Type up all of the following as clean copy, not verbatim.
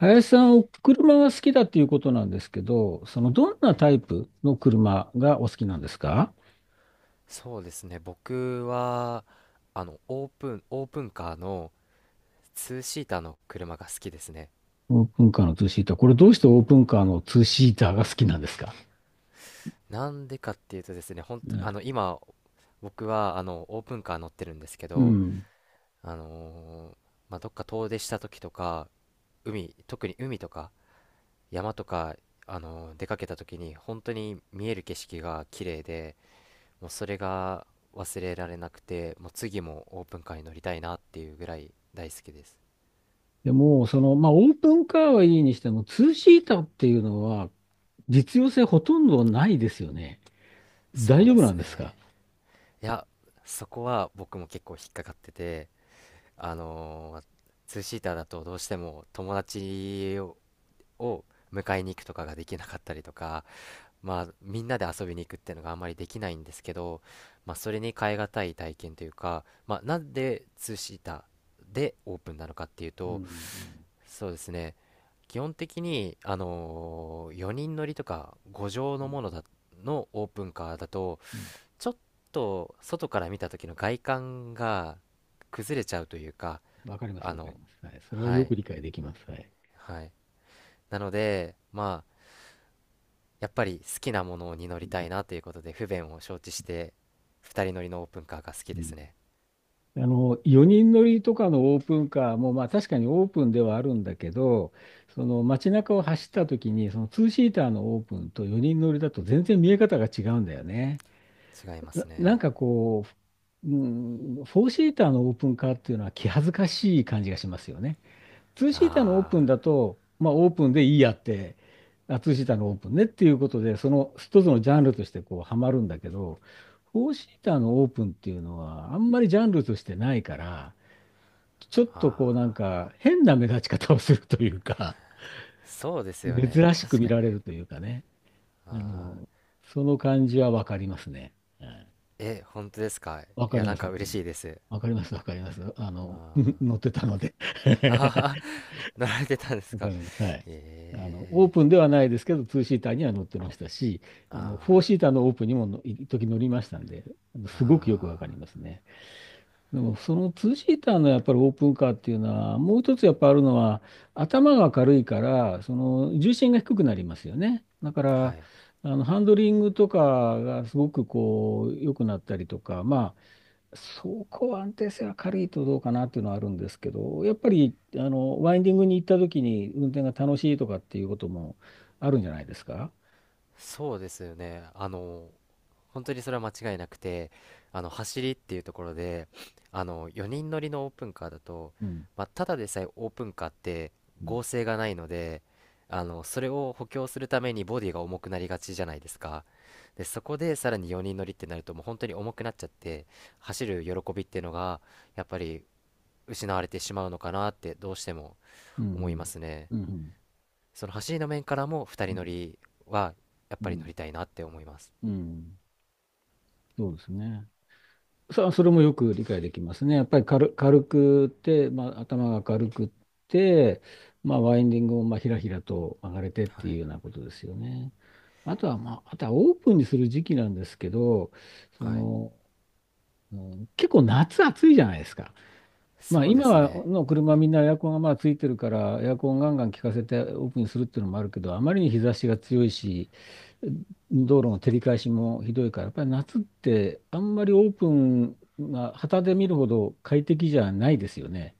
林さん、お車が好きだっていうことなんですけど、そのどんなタイプの車がお好きなんですか？そうですね。僕はオープンカーのツーシーターの車が好きですね。オープンカーのツーシーター。これどうしてオープンカーのツーシーターが好きなんですか？なんでかっていうとですね、本当あね。の、今、僕はオープンカー乗ってるんですけうど、ん。あのーまあ、どっか遠出した時とか、海、特に海とか、山とか、出かけた時に、本当に見える景色が綺麗で、もうそれが忘れられなくて、もう次もオープンカーに乗りたいなっていうぐらい大好きです。でも、その、まあ、オープンカーはいいにしても、ツーシーターっていうのは実用性ほとんどないですよね。大そう丈で夫なすんですね。か？いや、そこは僕も結構引っかかってて、あのーツーシーターだとどうしても友達を迎えに行くとかができなかったりとか、まあ、みんなで遊びに行くっていうのがあんまりできないんですけど、まあ、それに代えがたい体験というか、まあ、なんでツーシーターでオープンなのかっていううと、ん。そうですね、基本的に、4人乗りとか5乗のものだのオープンカーだと、ちょっと外から見た時の外観が崩れちゃうというか、うん。わかります、あわかりの、ます。はい。それははよい、く理解できます。はい。はい。なので、まあ、やっぱり好きなものに乗りたいなということで、不便を承知して、二人乗りのオープンカーが好きですね。あの、4人乗りとかのオープンカーも、まあ確かにオープンではあるんだけど、その街中を走った時に、その2シーターのオープンと4人乗りだと全然見え方が違うんだよね。違いますなんね。かこう、うん、4シーターのオープンカーっていうのは気恥ずかしい感じがしますよね。2シーターのオープンあだと、まあオープンでいいやって、あ、2シーターのオープンねっていうことで、その一つのジャンルとしてこうハマるんだけど、フォーシーターのオープンっていうのはあんまりジャンルとしてないから、ちょっー、とこうあなんか変な目立ち方をするというか、ー、そうですよね。珍しく確見からに。れるというかね、ああの、その感じはわかりますね。はい。ー、え、本当ですか？わいかや、りなまんす、かわかり嬉ましす。いです。わかります、わかります。あの、あ 乗ってたので ー、あー、乗られてたんですわかか。ります。はい。あの、オーえプンではないですけど、ツーシーターには乗ってましたし、ー、あの、フォーあシーターのオープンにもの一時乗りましたんで、ー、すごくよくわかりあますね。でもそのツーシーターのやっぱりオープンカーっていうのは、もう一つやっぱあるのは、頭が軽いから、その重心が低くなりますよね。だかー、はら、い。あのハンドリングとかがすごくこう良くなったりとか、まあ、走行安定性は軽いとどうかなっていうのはあるんですけど、やっぱりあのワインディングに行った時に運転が楽しいとかっていうこともあるんじゃないですか？そうですよね。本当にそれは間違いなくて、走りっていうところで、4人乗りのオープンカーだと、うん。まあ、ただでさえオープンカーってうん。剛性がないので、それを補強するためにボディが重くなりがちじゃないですか。で、そこでさらに4人乗りってなると、もう本当に重くなっちゃって、走る喜びっていうのが、やっぱり失われてしまうのかなって、どうしてもうん。思いますね。うん。うん。その走りの面からも2う人乗ん。りはやっうぱり乗ん。りたいなって思います。うん。そうですね。それもよく理解できますね。やっぱり軽くって、まあ、頭が軽くって、まあ、ワインディングもまあひらひらと曲がれてっはていういようなことですよね。あとは、まあ、あとはオープンにする時期なんですけど、そはい、の、うん、結構夏暑いじゃないですか。まあそうで今すはね。の車はみんなエアコンがまあついてるからエアコンガンガン効かせてオープンにするっていうのもあるけど、あまりに日差しが強いし、道路の照り返しもひどいからやっぱり夏ってあんまりオープンが旗で見るほど快適じゃないですよね。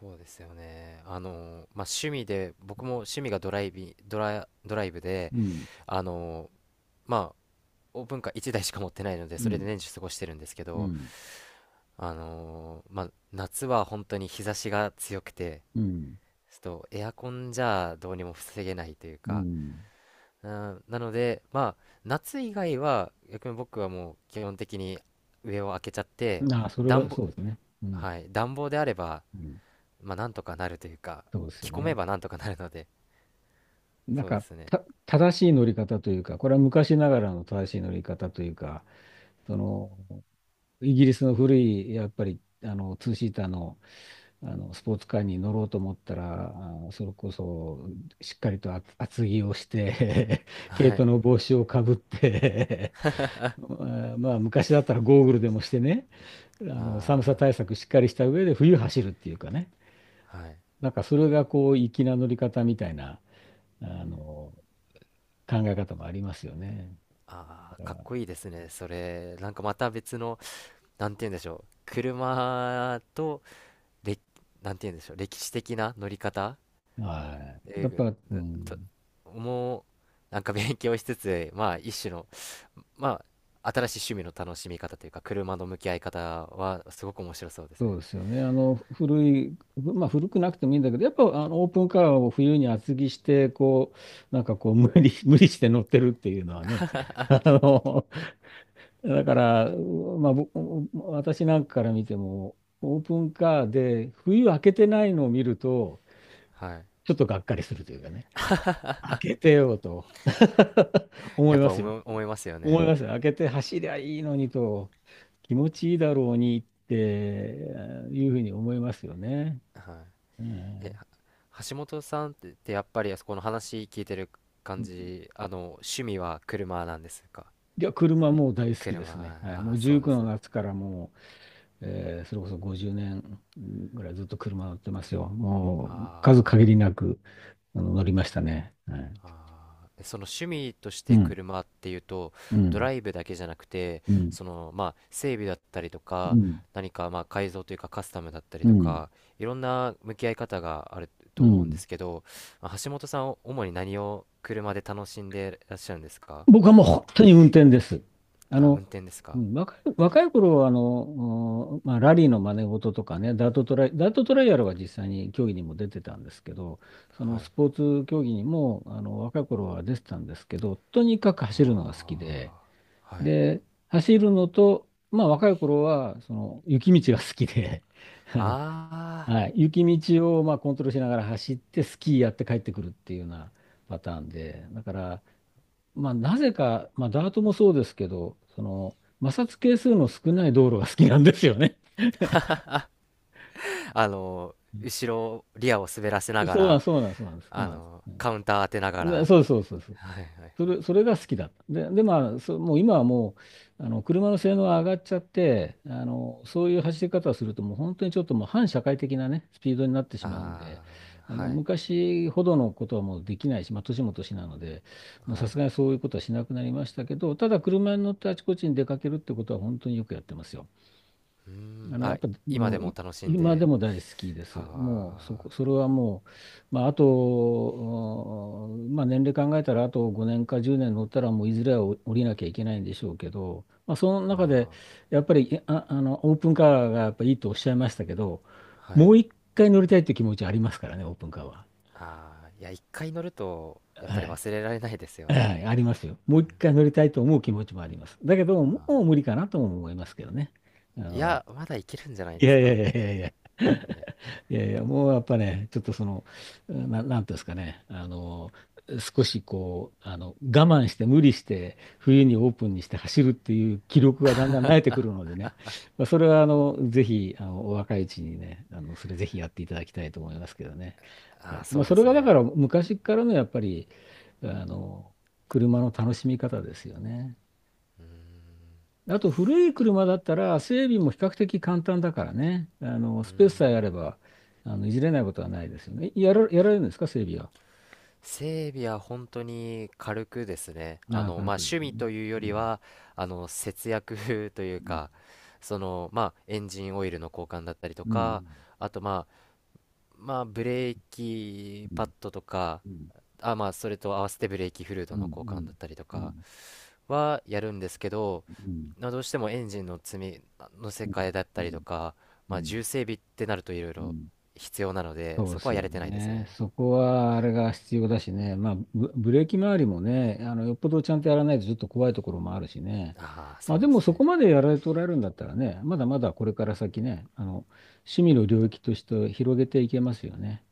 そうですよね。まあ、趣味で、僕も趣味がドライブで、うん。あのまあ、オープンカー1台しか持ってないので、うそれでん。年中過ごしてるんですけうど、ん。まあ、夏は本当に日差しが強くて、うん。ちょっとエアコンじゃどうにも防げないといううか、ん。うん、なので、まあ、夏以外は、逆に僕はもう基本的に上を開けちゃって、ああ、それは暖房、そうですね。うん。はい、暖房であれば、うん。まあ、なんとかなるというか、そうですよ着込めね。ばなんとかなるので、なんそうでかすね。た正しい乗り方というか、これは昔ながらの正しい乗り方というか、そのイギリスの古い、やっぱり、あの、ツーシーターの、あの、スポーツカーに乗ろうと思ったら、それこそ、しっかりと厚着をして、毛は糸い。の帽子をかぶって まあ、まあ昔だったらゴーグルでもしてね、あの、寒さあ対策しっかりした上で冬走るっていうかね、あ、はい。なんかそれがこう、粋な乗り方みたいな、あの、考え方もありますよね。あだあ、かっこかいいですね。それ、なんかまた別の、なんて言うんでしょう。車と、れ、なんて言うんでしょう。歴史的な乗り方、ら、はい。や英っ語ぱ、うだと、ん。もうなんか勉強しつつ、まあ一種の、まあ新しい趣味の楽しみ方というか、車の向き合い方はすごく面白そうですそうね。ですよね。あの古い、まあ、古くなくてもいいんだけど、やっぱあのオープンカーを冬に厚着して、こう、なんかこう無理、無理して乗ってるっていうのはね、あの、だから、まあ、私なんかから見ても、オープンカーで冬開けてないのを見ると、はい、ちょっとがっかりするというかね、開けてよと 思やいっまぱすよ。思い、思いますよ思ね。いますよ。開けて走りゃいいのにと、気持ちいいだろうにっていうふうに思いますよね。はえいえーは橋本さんって、やっぱりあそこの話聞いてる感じ、趣味は車なんですか？いや、車もう大好きですね。車、はい、あもあ、うそうで19すのね。夏からもう、それこそ50年ぐらいずっと車乗ってますよ。もあう数限ありー、なく乗りましたね。はい。あー、え、その趣味としうてん。車っていうと、うドん。ライブだけじゃなくて、うん。そのまあ整備だったりとうか、ん。何かまあ改造というかカスタムだったりうとん。か、いろんな向き合い方があるとう思うんでん。すけど、まあ橋本さんは主に何を車で楽しんでらっしゃるんですか？僕はもう本当に運転です。ああ、運の、転ですうか？ん、若い頃はうん、まあ、ラリーの真似事とかね、ダートトライアルは実際に競技にも出てたんですけど、そのはスい、ポーツ競技にも若い頃は出てたんですけど、とにかく走るのが好きで、ああ、はい、で、走るのと、まあ若い頃はその雪道が好きで、あの、あはい、雪道をまあコントロールしながら走ってスキーやって帰ってくるっていうようなパターンで、だから、まあ、なぜか、まあ、ダートもそうですけど、その、摩擦係数の少ない道路が好きなんですよね。あのう後ろリアを滑らせなん、がそうなん、ら、そうなん、そうなんです。そうなんです。うん。カウンター当てながら、で、そうそうそうそう。はいはい、それが好きだった。で、まあ、もう今はもう、あの、車の性能が上がっちゃって、あの、そういう走り方をすると、もう本当にちょっともう反社会的なね、スピードになってしまうんで、ああ、あの、はい、昔ほどのことはもうできないし、まあ、年も年なので、もうはさい。すがにそういうことはしなくなりましたけど、ただ車に乗ってあちこちに出かけるってことは本当によくやってますよ。うーあん、の、やっあ、ぱ今でもうもい楽しん今でで、も大好きです。もうそはこ、それはもう、まあ、あと、うん、まあ、年齢考えたらあと5年か10年乗ったらもういずれは降りなきゃいけないんでしょうけど、まあ、そのあ、中であー、やっぱりあのオープンカーがやっぱいいとおっしゃいましたけど、はもい。う一回乗りたいという気持ちありますからね、オープンカーは。ああ、いや、一回乗ると、やっはぱりい、忘れられないですよね。はい、ありますよ。もう一回乗りたいと思う気持ちもあります。だけど、もう無は理かなとも思いますけどね。あいの、や、まだいけるんじゃないいでやすいやか？いやいやいや。いや、いやいや、もうやっぱね、ちょっとその、なんていうんですかね、あの、少しこう、あの、我慢して無理して、冬にオープンにして走るっていう気力がだんだん慣れてくるのでね、まあ、それはあの、ぜひ、あの、お若いうちにね、あの、それぜひやっていただきたいと思いますけどね。はああ、い、まそあ、うそでれすがだかね。ら昔からのやっぱり、あの、車の楽しみ方ですよね。うーん、あと古い車だったら整備も比較的簡単だからね。あのうースペスさん。えあればいじれないことはないですよね。やられるんですか整備は？整備は本当に軽くですね。軽まあ、くで趣す味ね。というようりん。は、節約 といううん。か、その、まあ、エンジンオイルの交換だったりとうか、ん。あと、まあ、ブレーキうパん。ッドとか、うん。まあ、それと合わせてブレーキフルーうドのん。交う換ん。だったりとうん。うかん。はやるんですけど、うまあ、どうしてもエンジンの積み乗せ替えん。だったりとか、うまあ、重ん。整備ってなるといろいうろん。必要なので、そうそでこはすやよれてないですね。ね。そこはあれが必要だしね、まあ、ブレーキ周りもね、あのよっぽどちゃんとやらないとちょっと怖いところもあるしね、ああ、まそあ、うででもすそこね。までやられておられるんだったらね、まだまだこれから先ね、あの趣味の領域として広げていけますよね。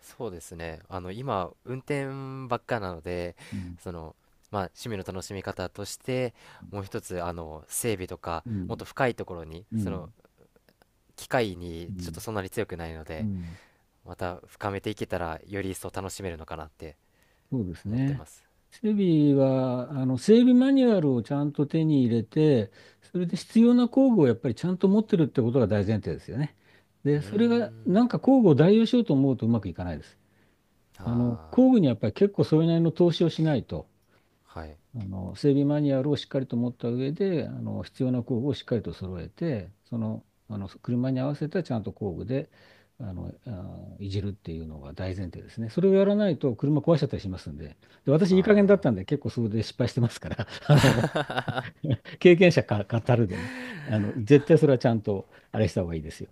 そうですね。今、運転ばっかなので、うん。その、まあ、趣味の楽しみ方として、もう一つ、整備とか、うもっとん。深いところに、うその、ん。機械うにちょっとん。そんなに強くないのうで、ん。また深めていけたらより一層楽しめるのかなってそうです思ってね。ます。整備は、あの、整備マニュアルをちゃんと手に入れて、それで必要な工具をやっぱりちゃんと持ってるってことが大前提ですよね。うで、ーそれが、ん、なんか工具を代用しようと思うとうまくいかないです。あの、あ工具にはやっぱり結構それなりの投資をしないと。あー、はい、あの整備マニュアルをしっかりと持った上で、あの必要な工具をしっかりと揃えて、その、あの車に合わせたちゃんと工具であの、あいじるっていうのが大前提ですね。それをやらないと車壊しちゃったりしますんで、で私、あいい加減だったんあー、で、結構それで失敗してますから、あの 経験者か語るでね、あの絶対それはちゃんとあれした方がいいですよ。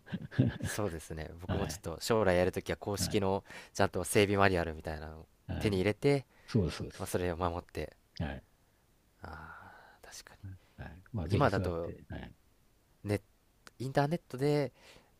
そうですね。 僕はもちい、ょっと将来やるときは公はい、式の、ちゃんと整備マニュアルみたいなのをは手にい、入れて、そうです、そうでまあす。それを守って、はい、ああ、確かに。はい。まあ、ぜひ今だそうやっと、て、はい。ネットインターネットで、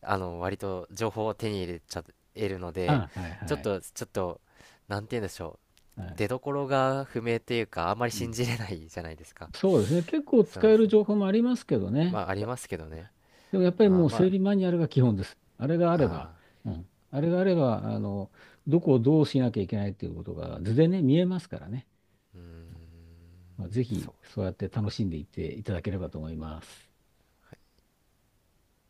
割と情報を手に入れちゃえるので、あ、はい、ちょっはい、とちょっとなんて言うんでしょう、はい。出どころが不明っていうか、あんまりう信ん、じれないじゃないですか。そうですね。結構そ使うえでするね、情報もありますけどまね。あありますけどね。でもやっぱりあもー、うま整あ、備マニュアルが基本です。あれがあれば、あうん、あれがあれば、あの、どこをどうしなきゃいけないっていうことが図でね、見えますからね。ー、うーん、まあ、ぜひそうそうやって楽しんでいっていただければと思います。